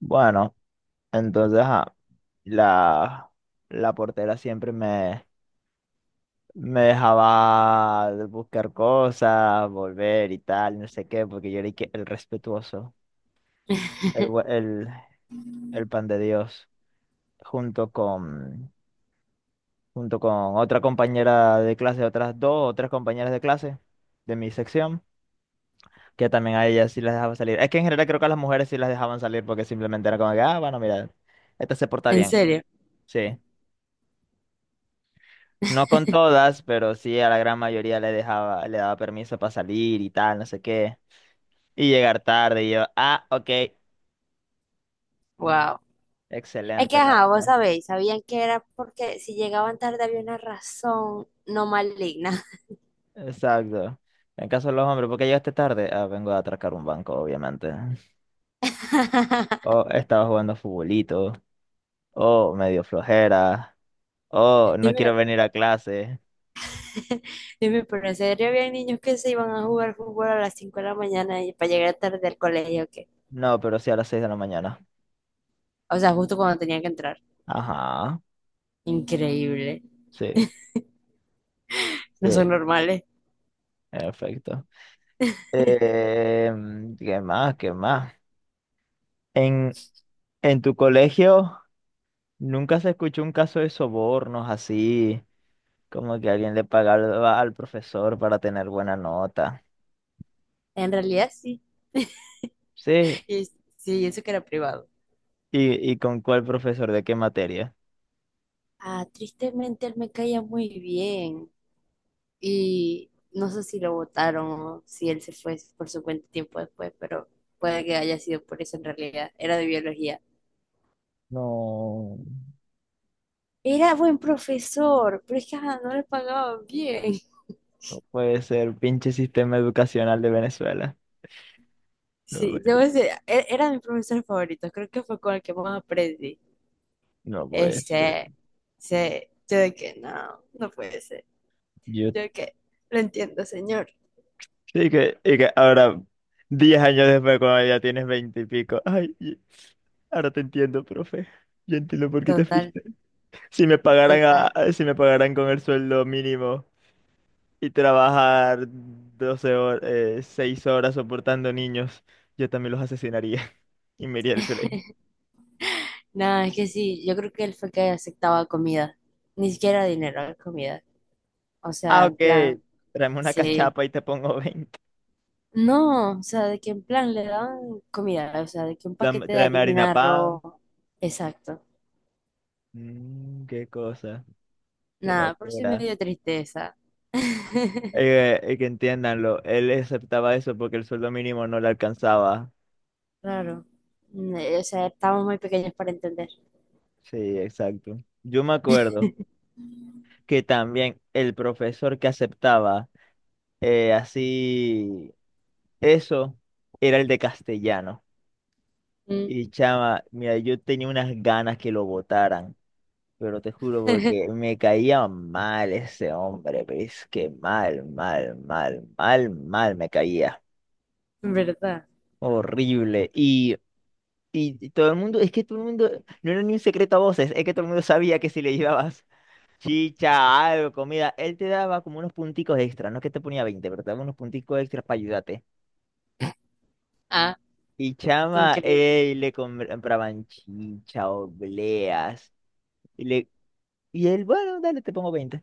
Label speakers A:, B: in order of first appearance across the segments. A: Bueno, entonces, ajá, la, la portera siempre me dejaba buscar cosas, volver y tal, no sé qué, porque yo era y que el respetuoso, el, bu- el, el pan de Dios, junto con, junto con otra compañera de clase, otras dos o tres compañeras de clase de mi sección, que también a ellas sí las dejaba salir. Es que en general creo que a las mujeres sí las dejaban salir porque simplemente era como que, ah, bueno, mira, esta se porta
B: En
A: bien,
B: serio.
A: sí. No con todas, pero sí a la gran mayoría le dejaba, le daba permiso para salir y tal, no sé qué. Y llegar tarde y yo, ah, ok,
B: Wow. Es que,
A: excelente, la
B: ajá, vos
A: verdad.
B: sabéis, sabían que era porque si llegaban tarde había una razón no maligna.
A: Exacto. En caso de los hombres, ¿por qué llegaste tarde? Ah, vengo a atracar un banco, obviamente. O estaba jugando futbolito, o medio flojera, o no quiero
B: Dime,
A: venir a clase.
B: dime, pero en serio había niños que se iban a jugar fútbol a las 5 de la mañana y para llegar tarde al colegio, ¿qué?
A: No, pero sí a las seis de la mañana.
B: O sea, justo cuando tenían que entrar.
A: Ajá,
B: Increíble.
A: sí, sí,
B: No son normales.
A: perfecto. Eh, ¿Qué más? ¿Qué más? En, en tu colegio nunca se escuchó un caso de sobornos así, como que alguien le pagaba al profesor para tener buena nota.
B: En realidad sí.
A: Sí,
B: Y, sí, y eso que era privado.
A: ¿y con cuál profesor de qué materia?
B: Ah, tristemente él me caía muy bien. Y no sé si lo votaron o si él se fue por su cuenta tiempo después, pero puede que haya sido por eso en realidad. Era de biología.
A: No,
B: Era buen profesor, pero es que ajá, no le pagaban bien.
A: no puede ser, pinche sistema educacional de Venezuela. No,
B: Sí, debo decir, era mi profesor favorito, creo que fue con el que más aprendí.
A: no puede ser.
B: Ese, ese, yo de que no, no puede ser.
A: Yo,
B: Yo de que lo entiendo, señor.
A: y que ahora, 10 años después, cuando ya tienes 20 y pico, ay, ahora te entiendo, profe. Yo entiendo por qué te fui.
B: Total,
A: Si me pagaran
B: total.
A: a- si me pagaran con el sueldo mínimo y trabajar 12 horas, 6 horas soportando niños, yo también los asesinaría y me iría al colegio.
B: No, es que sí, yo creo que él fue que aceptaba comida, ni siquiera dinero, comida. O sea,
A: Ah,
B: en
A: ok.
B: plan,
A: Tráeme una
B: sí.
A: cachapa y te pongo veinte.
B: No, o sea, de que en plan le dan comida, o sea, de que un paquete de
A: Tráeme harina
B: harina,
A: pan.
B: arroz. Exacto.
A: Mm, qué cosa. Qué
B: Nada, por eso me
A: locura.
B: dio tristeza.
A: Que entiéndanlo. Él aceptaba eso porque el sueldo mínimo no le alcanzaba.
B: Claro. O sea, estábamos muy pequeños para entender.
A: Sí, exacto. Yo me acuerdo que también el profesor que aceptaba, así. Eso era el de castellano.
B: Mm.
A: Y, chama, mira, yo tenía unas ganas que lo votaran, pero te juro porque me caía mal ese hombre, pero que mal, mal, mal, mal, mal me caía.
B: ¿Verdad?
A: Horrible. Y todo el mundo, es que todo el mundo, no era ni un secreto a voces, es que todo el mundo sabía que si le llevabas chicha, algo, comida, él te daba como unos punticos extra, no es que te ponía 20 pero te daba unos punticos extras para ayudarte.
B: Ah,
A: Y, chama,
B: increíble.
A: le compraban chicha, obleas. Y, y él, bueno, dale, te pongo veinte.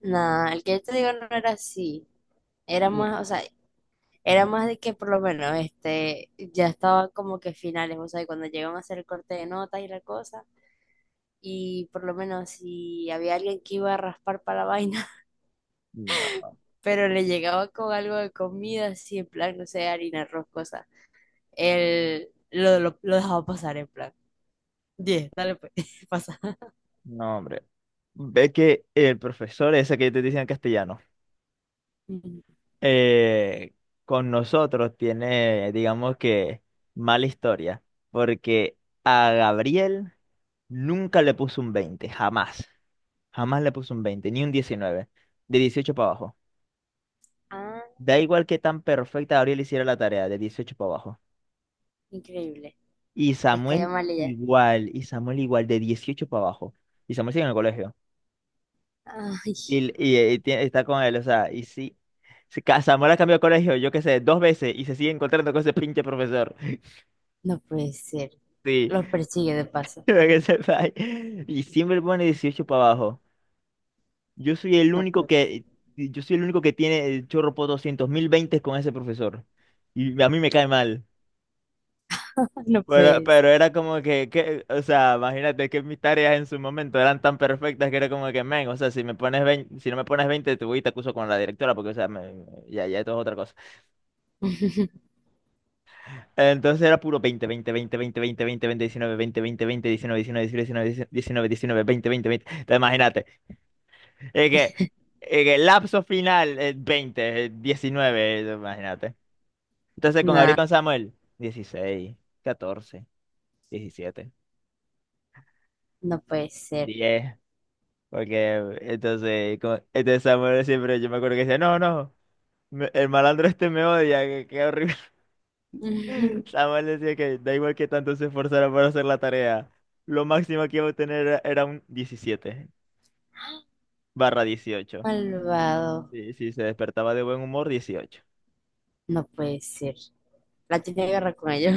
B: Nah, el que yo te digo no era así. Era
A: Y-
B: más, o sea, era
A: no,
B: más de que por lo menos este ya estaba como que finales, o sea, y cuando llegan a hacer el corte de notas y la cosa. Y por lo menos si había alguien que iba a raspar para la vaina,
A: no,
B: pero le llegaba con algo de comida, así en plan, no sé, harina, arroz, cosas, él lo dejaba pasar en plan. 10, dale pues, pasa.
A: no, hombre. Ve que el profesor ese que yo te decía en castellano,
B: Ujú.
A: eh, con nosotros tiene, digamos que, mala historia. Porque a Gabriel nunca le puso un 20 jamás. Jamás le puso un 20 ni un 19. De 18 para abajo.
B: Ah,
A: Da igual que tan perfecta Gabriel hiciera la tarea, de 18 para abajo.
B: increíble. Descaya mal ella.
A: Y Samuel igual, de 18 para abajo. Y Samuel sigue en el colegio.
B: Ay,
A: Está con él, o sea, y sí. Samuel ha cambiado de colegio, yo qué sé, dos veces y se sigue encontrando con ese pinche profesor.
B: no puede ser.
A: Sí,
B: Los persigue de paso.
A: para que sepáis. Y siempre pone 18 para abajo. Yo soy el
B: No
A: único
B: puede ser.
A: que, yo soy el único que tiene el chorro por 200.000 20 con ese profesor. Y a mí me cae mal.
B: No
A: Pero,
B: puede ser.
A: pero era como o sea, imagínate que mis tareas en su momento eran tan perfectas que era como que, men, o sea, si me pones 20, si no me pones 20, te voy y te acuso con la directora, porque, o sea, ya, ya, esto es otra cosa. Entonces era puro veinte, veinte, veinte, veinte, veinte, veinte, 20, 19, 20, 20, 20, diecinueve, diecinueve, diecinueve, diecinueve, 19, 19, veinte, 20, 20. Entonces imagínate, es que, es que el lapso final es 20, es 19, imagínate. Entonces con Gabriel y
B: Nah,
A: con Samuel, dieciséis, catorce, diecisiete,
B: no puede ser.
A: diez. Porque entonces, este Samuel siempre, yo me acuerdo que decía, no, no, el malandro este me odia, que qué horrible. Samuel decía que da igual que tanto se esforzara por hacer la tarea, lo máximo que iba a obtener era un 17/18.
B: Malvado.
A: Sí, sí, se despertaba de buen humor, 18.
B: No puede ser. La tiene guerra con ellos.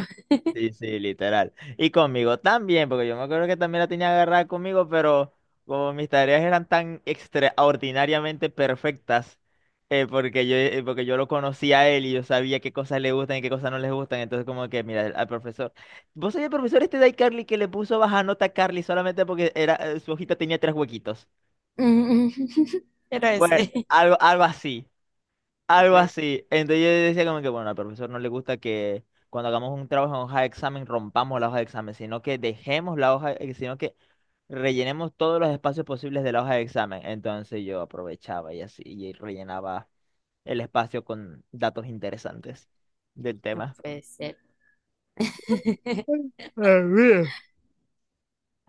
A: Sí, sí, literal. Y conmigo también, porque yo me acuerdo que también la tenía agarrada conmigo, pero como mis tareas eran tan extraordinariamente perfectas, porque yo lo conocía a él y yo sabía qué cosas le gustan y qué cosas no les gustan, entonces como que, mira, al profesor, ¿vos sois el profesor este de iCarly que le puso baja nota a Carly solamente porque era, su hojita tenía tres huequitos?
B: Mm, era
A: Bueno,
B: ese.
A: algo, algo así.
B: No
A: Algo
B: puede,
A: así. Entonces yo decía como que, bueno, al profesor no le gusta que cuando hagamos un trabajo en hoja de examen rompamos la hoja de examen, sino que dejemos la hoja, sino que rellenemos todos los espacios posibles de la hoja de examen. Entonces yo aprovechaba y así, y rellenaba el espacio con datos interesantes del
B: no
A: tema.
B: puede ser.
A: Ah, mira.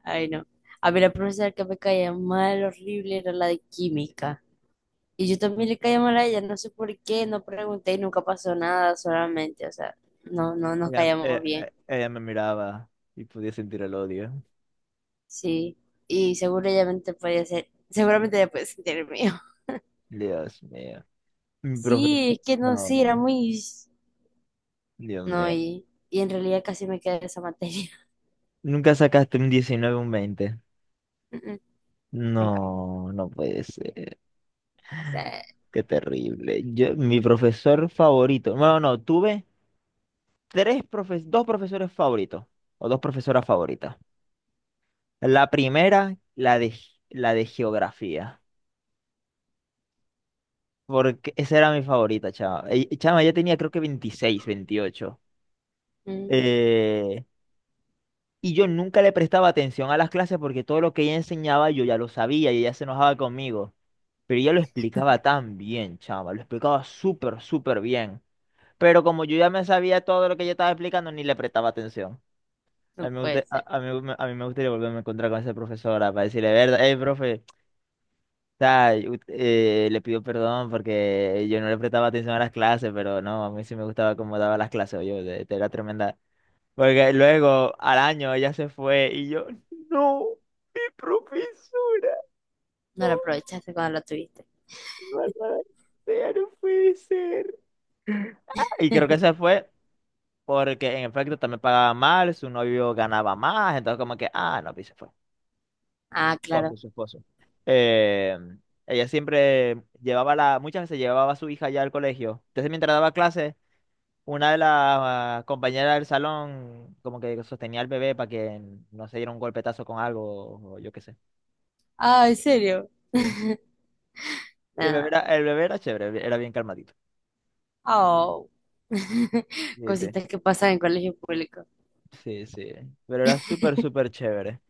B: Ay, no. A mí la profesora que me caía mal, horrible, era la de química. Y yo también le caía mal a ella, no sé por qué, no pregunté y nunca pasó nada, solamente, o sea, no nos
A: Ella,
B: caíamos
A: eh,
B: bien.
A: eh, ella me miraba y podía sentir el odio.
B: Sí, y seguramente podía ser, seguramente ella puede sentir el mío.
A: Dios mío. Mi
B: Sí,
A: profesor.
B: es que no,
A: No,
B: sí, era muy...
A: Dios
B: No,
A: mío.
B: y en realidad casi me quedé esa materia.
A: ¿Nunca sacaste un 19 o un 20?
B: Mm, mm, nunca.
A: No, no puede ser.
B: O sea,
A: Qué terrible. Yo, mi profesor favorito. Bueno, no, tuve tres profes, dos profesores favoritos o dos profesoras favoritas. La primera, la de, la de geografía, porque esa era mi favorita, chama. Chama, ya tenía creo que veintiséis, veintiocho.
B: mm,
A: Eh, y yo nunca le prestaba atención a las clases porque todo lo que ella enseñaba yo ya lo sabía y ella se enojaba conmigo. Pero ella lo explicaba tan bien, chama, lo explicaba súper, súper bien. Pero como yo ya me sabía todo lo que ella estaba explicando, ni le prestaba atención.
B: no
A: A mí me
B: puede
A: gusta,
B: ser.
A: a mí me gustaría volverme a encontrar con esa profesora para decirle, verdad, hey, profe, o sea, yo, le pido perdón porque yo no le prestaba atención a las clases, pero no, a mí sí me gustaba cómo daba las clases, yo era tremenda. Porque luego, al año, ella se fue y yo, no, mi profesora,
B: No lo aprovechaste cuando lo tuviste.
A: maldita sea, no, no puede ser. Y creo que esa fue. Porque en efecto también pagaba mal, su novio ganaba más, entonces como que, ah, no, pues se fue.
B: Ah,
A: Esposo,
B: claro.
A: su esposo. Eh, Ella siempre llevaba la, muchas veces llevaba a su hija ya al colegio. Entonces mientras daba clases, una de las, compañeras del salón como que sostenía al bebé para que no se diera un golpetazo con algo, o yo qué sé.
B: Ah, ¿en serio?
A: Sí. Y
B: Nah.
A: el bebé era chévere, era bien calmadito.
B: Oh,
A: Sí, sí,
B: cositas que pasan en colegio público.
A: sí, sí. Pero era súper, súper chévere.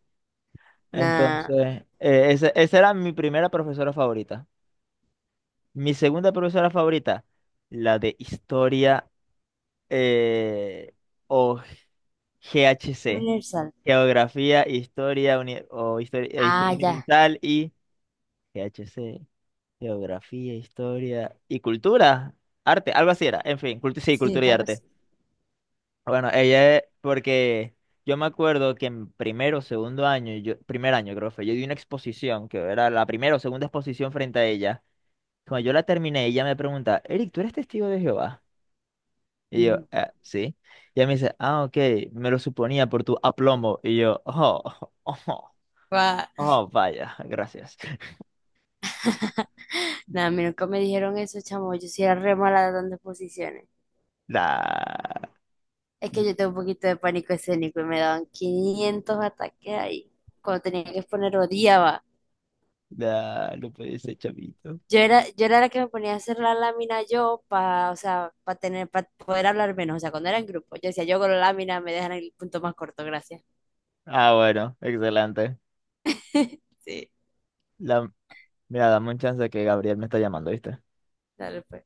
B: Nada.
A: Entonces, esa era mi primera profesora favorita. Mi segunda profesora favorita, la de historia, eh, o GHC,
B: Universal.
A: Geografía, Historia,
B: Ah,
A: historia
B: ya.
A: Universal, y GHC, Geografía, Historia y Cultura, Arte, algo así era, en fin, sí,
B: Sí,
A: Cultura y
B: algo así.
A: Arte. Bueno, ella, porque yo me acuerdo que en primero o segundo año, yo, primer año creo que fue, yo di una exposición, que era la primera o segunda exposición frente a ella. Cuando yo la terminé, ella me pregunta, Eric, ¿tú eres testigo de Jehová? Y yo,
B: Ujú.
A: sí. Y ella me dice, ah, ok, me lo suponía por tu aplomo. Y yo, oh, oh,
B: Va.
A: oh, vaya, gracias.
B: Nada, a mí nunca me dijeron eso, chamo. Yo sí era re mala dando exposiciones.
A: La,
B: Es que yo tengo un poquito de pánico escénico y me daban 500 ataques ahí. Cuando tenía que exponer, odiaba.
A: lo pediste, chavito.
B: Yo era la que me ponía a hacer la lámina yo para, o sea, para poder hablar menos. O sea, cuando era en grupo, yo decía, yo con la lámina me dejan el punto más corto, gracias.
A: Ah, bueno, excelente.
B: Sí,
A: La, Mira, dame un chance que Gabriel me está llamando, ¿viste?
B: dale pues.